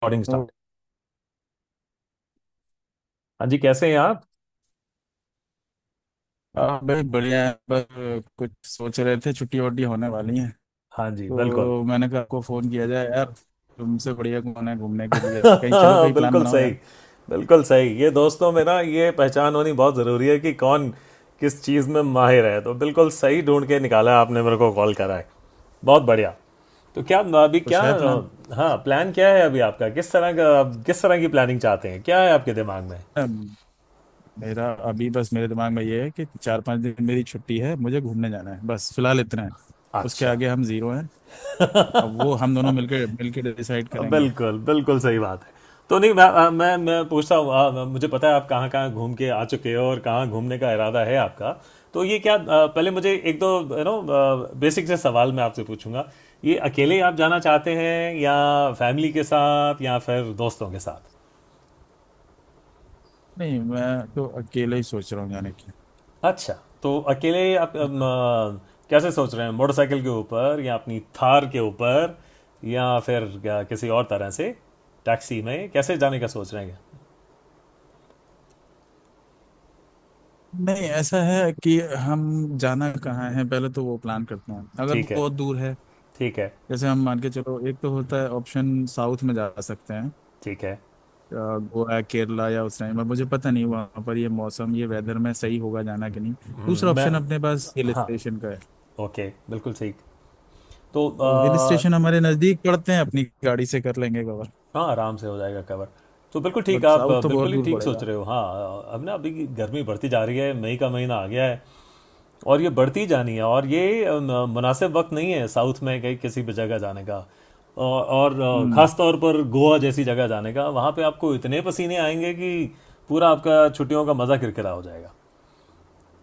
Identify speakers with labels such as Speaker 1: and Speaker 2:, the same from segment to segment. Speaker 1: Recording
Speaker 2: तो
Speaker 1: start. हाँ जी, कैसे हैं आप?
Speaker 2: भाई बढ़िया है। पर कुछ सोच रहे थे छुट्टी वट्टी होने वाली है
Speaker 1: हाँ जी, बिल्कुल।
Speaker 2: तो मैंने कहा आपको फोन किया जाए यार। तुमसे बढ़िया कौन है घूमने के लिए, कहीं चलो कहीं प्लान
Speaker 1: बिल्कुल
Speaker 2: बनाओ
Speaker 1: सही।
Speaker 2: यार।
Speaker 1: बिल्कुल सही, ये दोस्तों मेरा ये पहचान होनी बहुत ज़रूरी है कि कौन किस चीज़ में माहिर है। तो बिल्कुल सही ढूंढ के निकाला आपने, मेरे को कॉल करा है। बहुत बढ़िया। तो क्या, अभी क्या?
Speaker 2: कुछ है प्लान।
Speaker 1: हाँ, प्लान क्या है अभी आपका? किस तरह का, किस तरह की प्लानिंग चाहते हैं, क्या है आपके दिमाग में?
Speaker 2: अम, मेरा अभी बस मेरे दिमाग में ये है कि 4 5 दिन मेरी छुट्टी है, मुझे घूमने जाना है, बस फिलहाल इतना है। उसके
Speaker 1: अच्छा।
Speaker 2: आगे हम जीरो हैं। अब वो हम दोनों मिलकर मिलकर डिसाइड करेंगे।
Speaker 1: बिल्कुल, बिल्कुल सही बात है। तो नहीं, मैं पूछता हूँ, मुझे पता है आप कहाँ कहाँ घूम के आ चुके हो और कहाँ घूमने का इरादा है आपका। तो ये क्या, पहले मुझे एक दो बेसिक से सवाल मैं आपसे पूछूंगा। ये अकेले आप जाना चाहते हैं या फैमिली के साथ या फिर दोस्तों के साथ?
Speaker 2: नहीं, मैं तो अकेले ही सोच रहा हूँ जाने की।
Speaker 1: अच्छा। तो अकेले आप, कैसे सोच रहे हैं, मोटरसाइकिल के ऊपर या अपनी थार के ऊपर, या फिर क्या, किसी और तरह से, टैक्सी में कैसे जाने का सोच रहे हैं?
Speaker 2: नहीं ऐसा है कि हम जाना कहाँ है पहले तो वो प्लान करते हैं अगर
Speaker 1: ठीक है।
Speaker 2: बहुत दूर है।
Speaker 1: ठीक है।
Speaker 2: जैसे हम मान के चलो, एक तो होता है ऑप्शन साउथ में जा सकते हैं।
Speaker 1: ठीक है।
Speaker 2: गोवा केरला, या उस टाइम पर मुझे पता नहीं वहाँ पर ये मौसम ये वेदर में सही होगा जाना कि नहीं। दूसरा
Speaker 1: मैं,
Speaker 2: ऑप्शन अपने पास हिल
Speaker 1: हाँ,
Speaker 2: स्टेशन का है।
Speaker 1: ओके, बिल्कुल ठीक। तो
Speaker 2: तो हिल स्टेशन हमारे नज़दीक पड़ते हैं, अपनी गाड़ी से कर लेंगे कवर।
Speaker 1: हाँ, आराम से हो जाएगा कवर। तो बिल्कुल ठीक,
Speaker 2: बट
Speaker 1: आप
Speaker 2: साउथ तो बहुत
Speaker 1: बिल्कुल ही
Speaker 2: दूर
Speaker 1: ठीक सोच
Speaker 2: पड़ेगा।
Speaker 1: रहे हो, हाँ। अब ना, अभी गर्मी बढ़ती जा रही है, मई का महीना आ गया है और ये बढ़ती जानी है, और ये मुनासिब वक्त नहीं है साउथ में कहीं किसी भी जगह जाने का। और
Speaker 2: हम्म
Speaker 1: खास तौर पर गोवा जैसी जगह जाने का, वहाँ पे आपको इतने पसीने आएंगे कि पूरा आपका छुट्टियों का मज़ा किरकिरा हो जाएगा।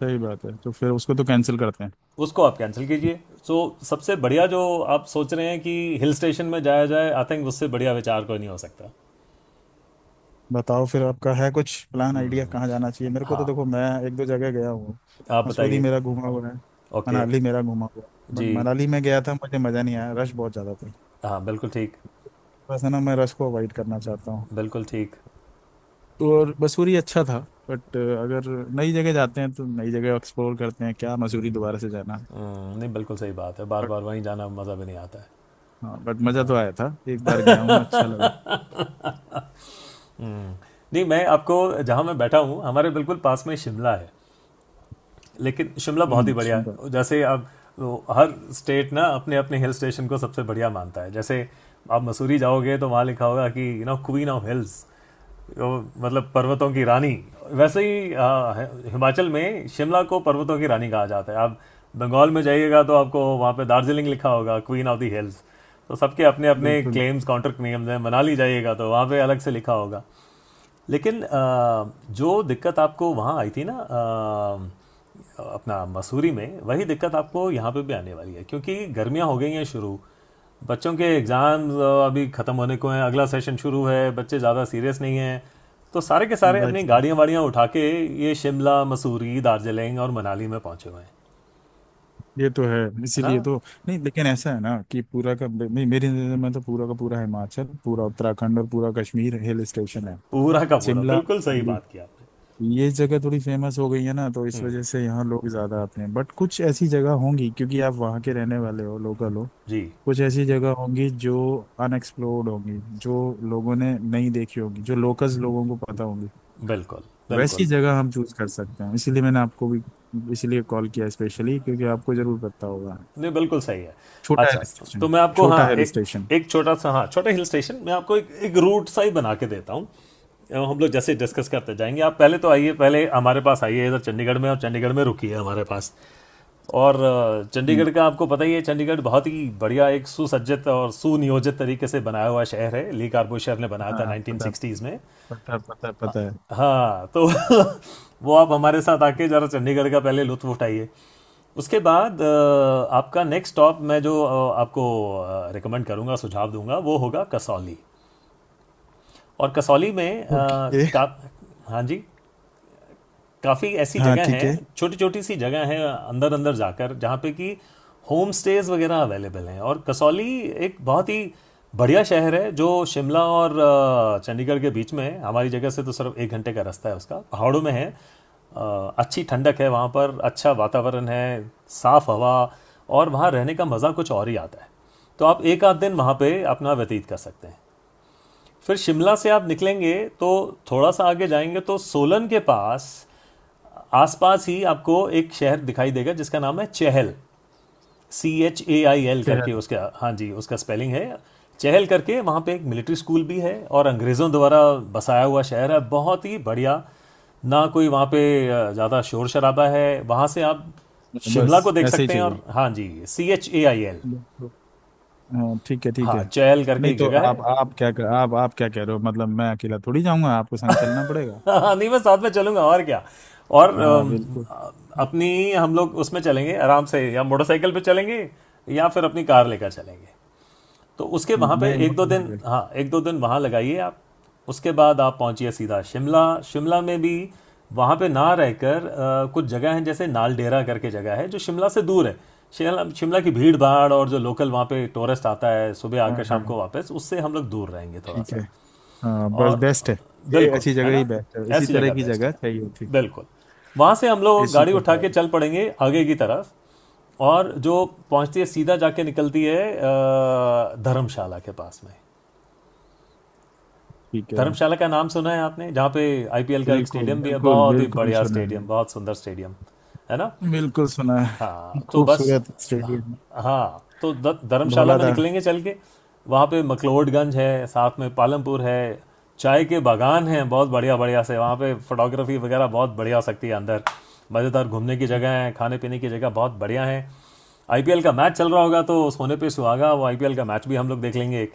Speaker 2: सही बात है, तो फिर उसको तो कैंसिल करते हैं।
Speaker 1: उसको आप कैंसिल कीजिए। सो so, सबसे बढ़िया जो आप सोच रहे हैं कि हिल स्टेशन में जाया जाए, आई थिंक उससे बढ़िया विचार कोई नहीं हो सकता।
Speaker 2: बताओ फिर आपका है कुछ प्लान आइडिया कहाँ जाना चाहिए। मेरे को तो
Speaker 1: हाँ,
Speaker 2: देखो, मैं एक दो जगह गया हूँ।
Speaker 1: आप
Speaker 2: मसूरी
Speaker 1: बताइए।
Speaker 2: मेरा घूमा हुआ है।
Speaker 1: ओके।
Speaker 2: मनाली मेरा घूमा हुआ है, बट
Speaker 1: जी।
Speaker 2: मनाली में गया था मुझे मज़ा नहीं आया, रश बहुत ज़्यादा था।
Speaker 1: हाँ, बिल्कुल ठीक।
Speaker 2: बस है ना, मैं रश को अवॉइड करना चाहता हूँ।
Speaker 1: बिल्कुल ठीक।
Speaker 2: तो और मसूरी अच्छा था। बट अगर नई जगह जाते हैं तो नई जगह एक्सप्लोर करते हैं, क्या मसूरी दोबारा से जाना।
Speaker 1: नहीं, बिल्कुल सही बात है, बार
Speaker 2: बट
Speaker 1: बार वहीं जाना मज़ा भी नहीं आता है।
Speaker 2: हाँ, बट मज़ा तो आया था, एक बार गया हूँ, अच्छा लगा।
Speaker 1: हम्म, नहीं, मैं आपको, जहाँ मैं बैठा हूँ हमारे बिल्कुल पास में शिमला है, लेकिन शिमला बहुत ही बढ़िया
Speaker 2: सुंदर।
Speaker 1: है। जैसे अब वो हर स्टेट ना अपने अपने हिल स्टेशन को सबसे बढ़िया मानता है। जैसे आप मसूरी जाओगे तो वहाँ लिखा होगा कि क्वीन ऑफ हिल्स, मतलब पर्वतों की रानी। वैसे ही हिमाचल में शिमला को पर्वतों की रानी कहा जाता है। आप बंगाल में जाइएगा तो आपको वहाँ पे दार्जिलिंग लिखा होगा क्वीन ऑफ द हिल्स। तो सबके अपने अपने
Speaker 2: बिल्कुल।
Speaker 1: क्लेम्स कॉन्ट्रैक्ट नियम हैं, मनाली जाइएगा तो वहाँ पे अलग से लिखा होगा। लेकिन जो दिक्कत आपको वहाँ आई थी ना, अपना मसूरी में, वही दिक्कत आपको यहाँ पे भी आने वाली है क्योंकि गर्मियाँ हो गई हैं शुरू, बच्चों के एग्ज़ाम अभी ख़त्म होने को हैं, अगला सेशन शुरू है, बच्चे ज़्यादा सीरियस नहीं हैं, तो सारे के सारे
Speaker 2: बाइक
Speaker 1: अपनी
Speaker 2: से।
Speaker 1: गाड़ियाँ वाड़ियाँ उठा के ये शिमला मसूरी दार्जिलिंग और मनाली में पहुँचे हुए हैं,
Speaker 2: ये तो है
Speaker 1: है ना?
Speaker 2: इसीलिए तो। नहीं लेकिन ऐसा है ना कि पूरा का नहीं, मेरी नज़र में तो पूरा का पूरा हिमाचल, पूरा उत्तराखंड और पूरा कश्मीर हिल स्टेशन है।
Speaker 1: पूरा का पूरा,
Speaker 2: शिमला
Speaker 1: बिल्कुल सही
Speaker 2: मनाली
Speaker 1: बात की आपने।
Speaker 2: ये जगह थोड़ी फेमस हो गई है ना, तो इस वजह
Speaker 1: हम्म,
Speaker 2: से यहाँ लोग ज्यादा आते हैं। बट कुछ ऐसी जगह होंगी, क्योंकि आप वहाँ के रहने वाले हो, लोकल हो,
Speaker 1: जी।
Speaker 2: कुछ ऐसी जगह होंगी जो अनएक्सप्लोर्ड होंगी, जो लोगों ने नहीं देखी होगी, जो लोकल्स लोगों को पता होंगी।
Speaker 1: बिल्कुल,
Speaker 2: वैसी
Speaker 1: बिल्कुल।
Speaker 2: जगह हम चूज कर सकते हैं, इसीलिए मैंने आपको भी इसीलिए कॉल किया, स्पेशली क्योंकि आपको जरूर पता होगा।
Speaker 1: नहीं बिल्कुल सही है।
Speaker 2: छोटा हिल
Speaker 1: अच्छा, तो
Speaker 2: स्टेशन।
Speaker 1: मैं आपको,
Speaker 2: छोटा
Speaker 1: हाँ,
Speaker 2: हिल
Speaker 1: एक,
Speaker 2: स्टेशन।
Speaker 1: एक छोटा सा, हाँ, छोटा हिल स्टेशन मैं आपको एक एक रूट सा ही बना के देता हूँ। हम लोग जैसे डिस्कस करते जाएंगे, आप पहले तो आइए, पहले हमारे पास आइए इधर चंडीगढ़ में, और चंडीगढ़ में रुकिए हमारे पास। और
Speaker 2: हम्म,
Speaker 1: चंडीगढ़ का आपको पता ही है, चंडीगढ़ बहुत ही बढ़िया एक सुसज्जित और सुनियोजित तरीके से बनाया हुआ शहर है। ली कार्बो शहर ने बनाया था
Speaker 2: हाँ
Speaker 1: नाइनटीन
Speaker 2: पता
Speaker 1: सिक्सटीज़ में।
Speaker 2: पता पता पता है।
Speaker 1: हाँ, तो वो आप हमारे साथ आके ज़रा चंडीगढ़ का पहले लुत्फ़ उठाइए। उसके बाद आपका नेक्स्ट स्टॉप मैं जो आपको रिकमेंड करूँगा, सुझाव दूंगा, वो होगा कसौली। और कसौली में
Speaker 2: ओके।
Speaker 1: का। हाँ जी। काफ़ी ऐसी
Speaker 2: हाँ
Speaker 1: जगह
Speaker 2: ठीक है।
Speaker 1: हैं, छोटी छोटी सी जगह हैं, अंदर अंदर जाकर जहाँ पे कि होम स्टेज वगैरह अवेलेबल हैं, और कसौली एक बहुत ही बढ़िया शहर है जो शिमला और चंडीगढ़ के बीच में है, हमारी जगह से तो सिर्फ एक घंटे का रास्ता है उसका, पहाड़ों में है, अच्छी ठंडक है वहाँ पर, अच्छा वातावरण है, साफ़ हवा, और वहाँ रहने का मज़ा कुछ और ही आता है। तो आप एक आध दिन वहाँ पे अपना व्यतीत कर सकते हैं। फिर शिमला से आप निकलेंगे तो थोड़ा सा आगे जाएंगे तो सोलन के पास आसपास ही आपको एक शहर दिखाई देगा जिसका नाम है चहल। CHAIL
Speaker 2: शहर।
Speaker 1: करके उसका, हाँ जी, उसका स्पेलिंग है, चहल करके। वहाँ पे एक मिलिट्री स्कूल भी है और अंग्रेज़ों द्वारा बसाया हुआ शहर है, बहुत ही बढ़िया। ना कोई वहाँ पे ज़्यादा शोर शराबा है। वहाँ से आप शिमला को
Speaker 2: बस
Speaker 1: देख
Speaker 2: ऐसे
Speaker 1: सकते हैं।
Speaker 2: ही
Speaker 1: और हाँ जी, CHAIL,
Speaker 2: चाहिए। हाँ ठीक है ठीक
Speaker 1: हाँ,
Speaker 2: है।
Speaker 1: चहल करके
Speaker 2: नहीं
Speaker 1: एक
Speaker 2: तो
Speaker 1: जगह है।
Speaker 2: आप क्या कह रहे हो। मतलब मैं अकेला थोड़ी जाऊंगा, आपको संग चलना पड़ेगा।
Speaker 1: हाँ, नहीं मैं साथ में चलूंगा और क्या। और
Speaker 2: हाँ बिल्कुल।
Speaker 1: अपनी हम लोग उसमें चलेंगे आराम से, या मोटरसाइकिल पे चलेंगे, या फिर अपनी कार लेकर चलेंगे। तो उसके, वहाँ पे
Speaker 2: नहीं
Speaker 1: एक दो दिन,
Speaker 2: मोटरसाइकिल।
Speaker 1: हाँ एक दो दिन वहाँ लगाइए आप। उसके बाद आप पहुँचिए सीधा शिमला। शिमला में भी वहाँ पे ना रहकर कुछ जगह हैं जैसे नालडेरा करके जगह है जो शिमला से दूर है। शिमला शिमला की भीड़ भाड़ और जो लोकल वहाँ पे टूरिस्ट आता है सुबह
Speaker 2: हाँ
Speaker 1: आकर शाम को
Speaker 2: हाँ
Speaker 1: वापस, उससे हम लोग दूर रहेंगे थोड़ा
Speaker 2: ठीक है।
Speaker 1: सा।
Speaker 2: हाँ बस
Speaker 1: और
Speaker 2: बेस्ट है, ये
Speaker 1: बिल्कुल,
Speaker 2: ऐसी
Speaker 1: है
Speaker 2: जगह ही
Speaker 1: ना?
Speaker 2: बेस्ट है, इसी
Speaker 1: ऐसी
Speaker 2: तरह
Speaker 1: जगह
Speaker 2: की
Speaker 1: बेस्ट
Speaker 2: जगह
Speaker 1: है,
Speaker 2: चाहिए थी।
Speaker 1: बिल्कुल। वहाँ से हम लोग
Speaker 2: इसी
Speaker 1: गाड़ी
Speaker 2: को
Speaker 1: उठा
Speaker 2: पा
Speaker 1: के
Speaker 2: रहे।
Speaker 1: चल पड़ेंगे आगे की तरफ और जो पहुँचती है सीधा जाके, निकलती है धर्मशाला के पास में।
Speaker 2: ठीक है।
Speaker 1: धर्मशाला का नाम सुना है आपने, जहाँ पे आईपीएल का एक
Speaker 2: बिल्कुल
Speaker 1: स्टेडियम भी है,
Speaker 2: बिल्कुल
Speaker 1: बहुत ही
Speaker 2: बिल्कुल
Speaker 1: बढ़िया
Speaker 2: सुना
Speaker 1: स्टेडियम,
Speaker 2: है।
Speaker 1: बहुत सुंदर स्टेडियम। है ना?
Speaker 2: बिल्कुल सुना है,
Speaker 1: हाँ, तो बस,
Speaker 2: खूबसूरत स्टेडियम।
Speaker 1: हाँ तो धर्मशाला में
Speaker 2: धौलाधार।
Speaker 1: निकलेंगे चल के। वहाँ पे मकलोडगंज है, साथ में पालमपुर है, चाय के बागान हैं बहुत बढ़िया, बढ़िया से वहाँ पे फोटोग्राफी वगैरह बहुत बढ़िया हो सकती है, अंदर मज़ेदार घूमने की जगह हैं, खाने पीने की जगह बहुत बढ़िया हैं। आईपीएल का मैच चल रहा होगा तो सोने पे सुहागा, वो आईपीएल का मैच भी हम लोग देख लेंगे एक।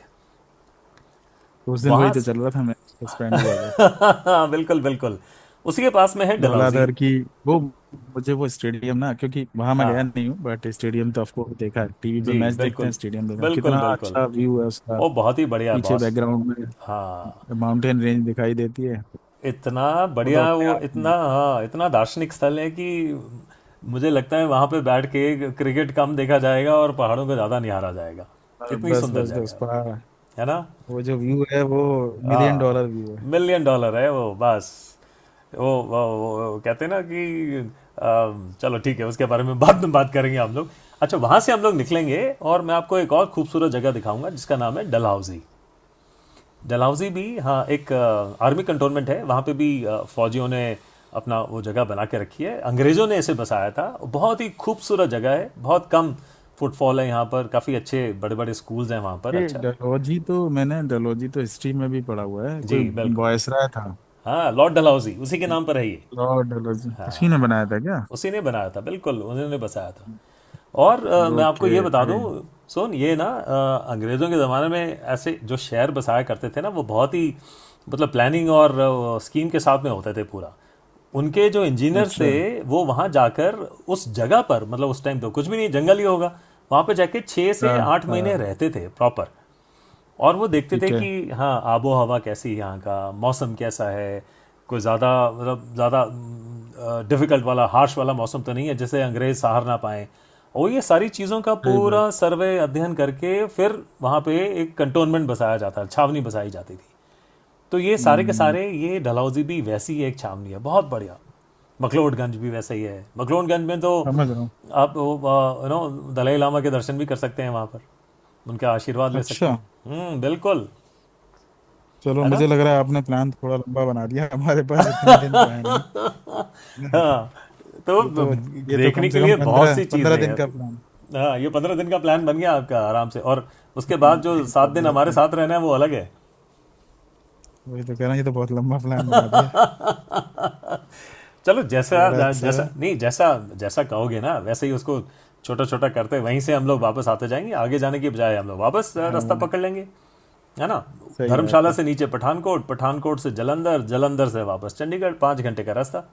Speaker 2: उस दिन वही
Speaker 1: वहाँ
Speaker 2: तो चल रहा था, मैच सस्पेंड हुआ।
Speaker 1: बिल्कुल, बिल्कुल। उसी के पास में है डलहौजी।
Speaker 2: धौलाधर की वो, मुझे वो स्टेडियम ना, क्योंकि वहां मैं गया
Speaker 1: हाँ
Speaker 2: नहीं हूँ, बट स्टेडियम तो आपको देखा है, टीवी पे
Speaker 1: जी,
Speaker 2: मैच देखते हैं,
Speaker 1: बिल्कुल,
Speaker 2: स्टेडियम देखा
Speaker 1: बिल्कुल,
Speaker 2: कितना
Speaker 1: बिल्कुल।
Speaker 2: अच्छा व्यू है उसका।
Speaker 1: ओ बहुत ही बढ़िया है
Speaker 2: पीछे
Speaker 1: बॉस।
Speaker 2: बैकग्राउंड
Speaker 1: हाँ,
Speaker 2: में माउंटेन रेंज दिखाई देती है।
Speaker 1: इतना
Speaker 2: वो तो
Speaker 1: बढ़िया
Speaker 2: अपने
Speaker 1: वो,
Speaker 2: आप
Speaker 1: इतना,
Speaker 2: में।
Speaker 1: हाँ इतना दार्शनिक स्थल है कि मुझे लगता है वहाँ पे बैठ के क्रिकेट कम देखा जाएगा और पहाड़ों को ज़्यादा निहारा जाएगा।
Speaker 2: और
Speaker 1: इतनी
Speaker 2: बस
Speaker 1: सुंदर
Speaker 2: बस
Speaker 1: जगह
Speaker 2: बस
Speaker 1: है वो,
Speaker 2: पहाड़।
Speaker 1: है ना?
Speaker 2: वो जो व्यू है वो मिलियन
Speaker 1: हाँ,
Speaker 2: डॉलर व्यू है।
Speaker 1: मिलियन डॉलर है वो बस। वो कहते हैं ना कि, चलो ठीक है, उसके बारे में बाद में बात करेंगे हम लोग। अच्छा, वहाँ से हम लोग निकलेंगे और मैं आपको एक और खूबसूरत जगह दिखाऊंगा जिसका नाम है डलहौजी। डलहौजी भी, हाँ, एक आर्मी कंटोनमेंट है, वहाँ पे भी फौजियों ने अपना वो जगह बना के रखी है, अंग्रेज़ों ने इसे बसाया था। बहुत ही खूबसूरत जगह है, बहुत कम फुटफॉल है यहाँ पर, काफ़ी अच्छे बड़े बड़े स्कूल्स हैं वहाँ पर,
Speaker 2: ये
Speaker 1: अच्छा।
Speaker 2: डलहौजी, तो मैंने डलहौजी तो हिस्ट्री में भी पढ़ा हुआ है,
Speaker 1: जी
Speaker 2: कोई
Speaker 1: बिल्कुल।
Speaker 2: वायसराय था।
Speaker 1: हाँ, लॉर्ड डलहौजी उसी के नाम पर है ये।
Speaker 2: लॉर्ड डलहौजी उसी ने बनाया था क्या।
Speaker 1: उसी ने बनाया था, बिल्कुल, उन्होंने बसाया था। और मैं आपको ये
Speaker 2: ओके
Speaker 1: बता
Speaker 2: तभी।
Speaker 1: दूं, सोन ये ना अंग्रेज़ों के ज़माने में ऐसे जो शहर बसाया करते थे ना, वो बहुत ही, मतलब, प्लानिंग और स्कीम के साथ में होते थे पूरा। उनके जो इंजीनियर्स
Speaker 2: अच्छा।
Speaker 1: थे वो वहाँ जाकर उस जगह पर, मतलब उस टाइम तो कुछ भी नहीं, जंगल ही होगा वहाँ पर, जाके छः से
Speaker 2: हाँ
Speaker 1: आठ महीने
Speaker 2: हाँ
Speaker 1: रहते थे प्रॉपर। और वो देखते थे
Speaker 2: ठीक
Speaker 1: कि,
Speaker 2: है।
Speaker 1: हाँ आबो हवा कैसी है, यहाँ का मौसम कैसा है, कोई ज़्यादा, मतलब ज़्यादा डिफ़िकल्ट वाला, हार्श वाला मौसम तो नहीं है जिसे अंग्रेज़ सहार ना पाएँ। और ये सारी चीज़ों का
Speaker 2: सही बात।
Speaker 1: पूरा सर्वे, अध्ययन करके फिर वहाँ पे एक कंटोनमेंट बसाया जाता, छावनी बसाई जाती थी। तो ये सारे के
Speaker 2: हम्म,
Speaker 1: सारे, ये डलहौजी भी वैसी ही एक छावनी है, बहुत बढ़िया। मखलोडगंज भी वैसा ही है। मखलोडगंज में तो
Speaker 2: समझ रहा हूँ।
Speaker 1: आप दलाई लामा के दर्शन भी कर सकते हैं वहाँ पर, उनका आशीर्वाद ले सकते
Speaker 2: अच्छा
Speaker 1: हैं। हम्म, बिल्कुल,
Speaker 2: चलो,
Speaker 1: है ना?
Speaker 2: मुझे लग रहा है आपने प्लान थोड़ा लंबा बना दिया। हमारे पास इतने दिन तो है नहीं।
Speaker 1: हाँ, तो
Speaker 2: ये तो कम
Speaker 1: देखने के
Speaker 2: से कम
Speaker 1: लिए बहुत
Speaker 2: पंद्रह
Speaker 1: सी
Speaker 2: पंद्रह
Speaker 1: चीज़ें
Speaker 2: दिन
Speaker 1: हैं।
Speaker 2: का प्लान।
Speaker 1: हाँ, ये 15 दिन का प्लान बन गया आपका आराम से, और उसके बाद जो 7 दिन
Speaker 2: पंद्रह
Speaker 1: हमारे
Speaker 2: दिन
Speaker 1: साथ रहना है वो अलग है।
Speaker 2: वही तो कह रहा हूँ, ये तो बहुत लंबा प्लान बना दिया।
Speaker 1: चलो,
Speaker 2: थोड़ा
Speaker 1: जैसा
Speaker 2: सा।
Speaker 1: जैसा नहीं, जैसा जैसा कहोगे ना वैसे ही उसको, छोटा छोटा करते वहीं से हम लोग वापस आते जाएंगे, आगे जाने के बजाय हम लोग वापस रास्ता
Speaker 2: हाँ
Speaker 1: पकड़ लेंगे, है ना?
Speaker 2: सही बात
Speaker 1: धर्मशाला
Speaker 2: है।
Speaker 1: से नीचे पठानकोट, पठानकोट से जलंधर, जलंधर से वापस चंडीगढ़, 5 घंटे का रास्ता।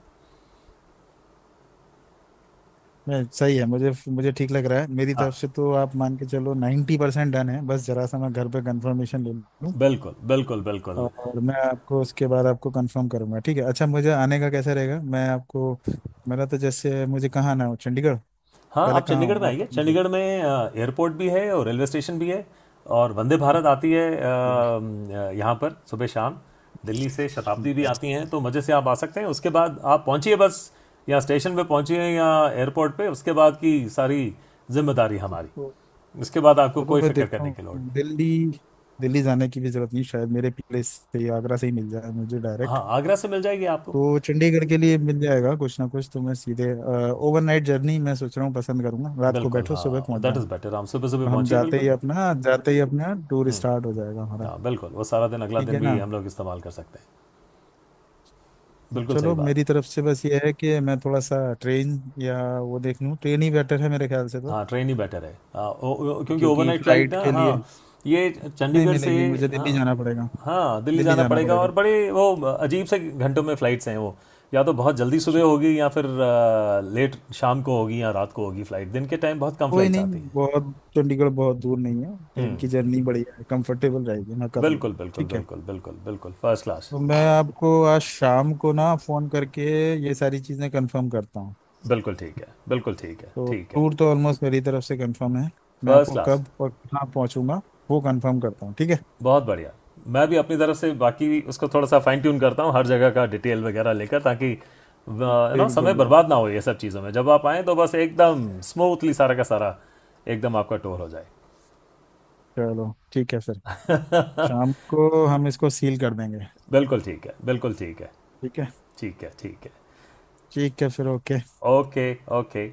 Speaker 2: मैं सही है, मुझे मुझे ठीक लग रहा है, मेरी तरफ
Speaker 1: हाँ
Speaker 2: से तो आप मान के चलो 90% डन है, बस जरा सा मैं घर पे कंफर्मेशन ले लूँ।
Speaker 1: बिल्कुल, बिल्कुल, बिल्कुल।
Speaker 2: और मैं आपको उसके बाद आपको कंफर्म करूंगा, ठीक है। अच्छा मुझे आने का कैसा रहेगा, मैं आपको, मेरा तो जैसे मुझे कहाँ आना हो, चंडीगढ़।
Speaker 1: हाँ,
Speaker 2: पहले
Speaker 1: आप
Speaker 2: कहाँ
Speaker 1: चंडीगढ़ में
Speaker 2: हूँ
Speaker 1: आइए,
Speaker 2: आपका नंबर।
Speaker 1: चंडीगढ़ में एयरपोर्ट भी है और रेलवे स्टेशन भी है, और वंदे भारत आती है
Speaker 2: ये,
Speaker 1: यहाँ पर सुबह शाम, दिल्ली से
Speaker 2: ठीक
Speaker 1: शताब्दी भी
Speaker 2: है।
Speaker 1: आती हैं। तो मज़े से आप आ सकते हैं, उसके बाद आप पहुँचिए बस, या स्टेशन पे पहुँचिए या एयरपोर्ट पे, उसके बाद की सारी जिम्मेदारी हमारी।
Speaker 2: तो
Speaker 1: उसके बाद आपको
Speaker 2: चलो
Speaker 1: कोई
Speaker 2: मैं
Speaker 1: फिक्र
Speaker 2: देखता
Speaker 1: करने की लोड़
Speaker 2: हूँ
Speaker 1: नहीं।
Speaker 2: दिल्ली। दिल्ली जाने की भी जरूरत नहीं शायद, मेरे प्लेस से ही, आगरा से ही मिल जाए मुझे डायरेक्ट।
Speaker 1: हाँ, आगरा से मिल जाएगी आपको,
Speaker 2: तो चंडीगढ़ के लिए मिल जाएगा कुछ ना कुछ, तो मैं सीधे ओवरनाइट जर्नी मैं सोच रहा हूँ पसंद करूंगा, रात को
Speaker 1: बिल्कुल।
Speaker 2: बैठो सुबह
Speaker 1: हाँ
Speaker 2: पहुंच
Speaker 1: दैट
Speaker 2: जाऊँ।
Speaker 1: इज़ बेटर, हम सुबह सुबह
Speaker 2: तो हम
Speaker 1: पहुँचिए,
Speaker 2: जाते ही
Speaker 1: बिल्कुल।
Speaker 2: अपना जाते ही अपना टूर स्टार्ट हो जाएगा हमारा।
Speaker 1: हाँ बिल्कुल, वो सारा दिन, अगला
Speaker 2: ठीक
Speaker 1: दिन
Speaker 2: है ना।
Speaker 1: भी हम लोग इस्तेमाल कर सकते हैं।
Speaker 2: तो
Speaker 1: बिल्कुल सही
Speaker 2: चलो
Speaker 1: बात
Speaker 2: मेरी
Speaker 1: है।
Speaker 2: तरफ से बस ये है कि मैं थोड़ा सा ट्रेन या वो देख लूँ, ट्रेन ही बेटर है मेरे ख्याल से। तो
Speaker 1: हाँ ट्रेन ही बेटर है, हाँ, ओ, ओ, क्योंकि
Speaker 2: क्योंकि
Speaker 1: ओवरनाइट फ्लाइट
Speaker 2: फ्लाइट
Speaker 1: ना,
Speaker 2: के
Speaker 1: हाँ
Speaker 2: लिए
Speaker 1: ये
Speaker 2: नहीं
Speaker 1: चंडीगढ़ से,
Speaker 2: मिलेगी, मुझे
Speaker 1: हाँ,
Speaker 2: दिल्ली जाना पड़ेगा।
Speaker 1: हाँ दिल्ली
Speaker 2: दिल्ली
Speaker 1: जाना
Speaker 2: जाना
Speaker 1: पड़ेगा
Speaker 2: पड़ेगा।
Speaker 1: और बड़े वो अजीब से घंटों में फ़्लाइट्स हैं वो, या तो बहुत जल्दी
Speaker 2: च-
Speaker 1: सुबह होगी या फिर लेट शाम को होगी या रात को होगी, फ़्लाइट दिन के टाइम बहुत कम
Speaker 2: कोई
Speaker 1: फ़्लाइट्स आती
Speaker 2: नहीं,
Speaker 1: हैं।
Speaker 2: बहुत चंडीगढ़ बहुत दूर नहीं है, ट्रेन
Speaker 1: हम्म,
Speaker 2: की जर्नी बढ़िया है, कंफर्टेबल रहेगी, मैं कर लूँगा,
Speaker 1: बिल्कुल, बिल्कुल,
Speaker 2: ठीक है।
Speaker 1: बिल्कुल, बिल्कुल, बिल्कुल, फर्स्ट क्लास।
Speaker 2: तो मैं आपको आज शाम को ना फ़ोन करके ये सारी चीज़ें कंफर्म करता हूँ।
Speaker 1: बिल्कुल ठीक है, बिल्कुल ठीक है,
Speaker 2: तो
Speaker 1: ठीक है।
Speaker 2: टूर तो ऑलमोस्ट मेरी तरफ से कंफर्म है, मैं
Speaker 1: फर्स्ट
Speaker 2: आपको
Speaker 1: क्लास,
Speaker 2: कब और कहाँ पहुँचूंगा वो कंफर्म करता हूँ, ठीक है।
Speaker 1: बहुत बढ़िया। मैं भी अपनी तरफ से बाकी उसको थोड़ा सा फाइन ट्यून करता हूँ, हर जगह का डिटेल वगैरह लेकर, ताकि
Speaker 2: बिल्कुल
Speaker 1: समय
Speaker 2: बिल्कुल।
Speaker 1: बर्बाद ना हो ये सब चीज़ों में, जब आप आएँ तो बस एकदम स्मूथली सारा का सारा, एकदम आपका टूर हो जाए।
Speaker 2: चलो ठीक है सर। शाम को हम इसको सील कर देंगे।
Speaker 1: बिल्कुल ठीक है, बिल्कुल ठीक है,
Speaker 2: ठीक है।
Speaker 1: ठीक है, ठीक है।
Speaker 2: ठीक है फिर ओके।
Speaker 1: ओके। ओके।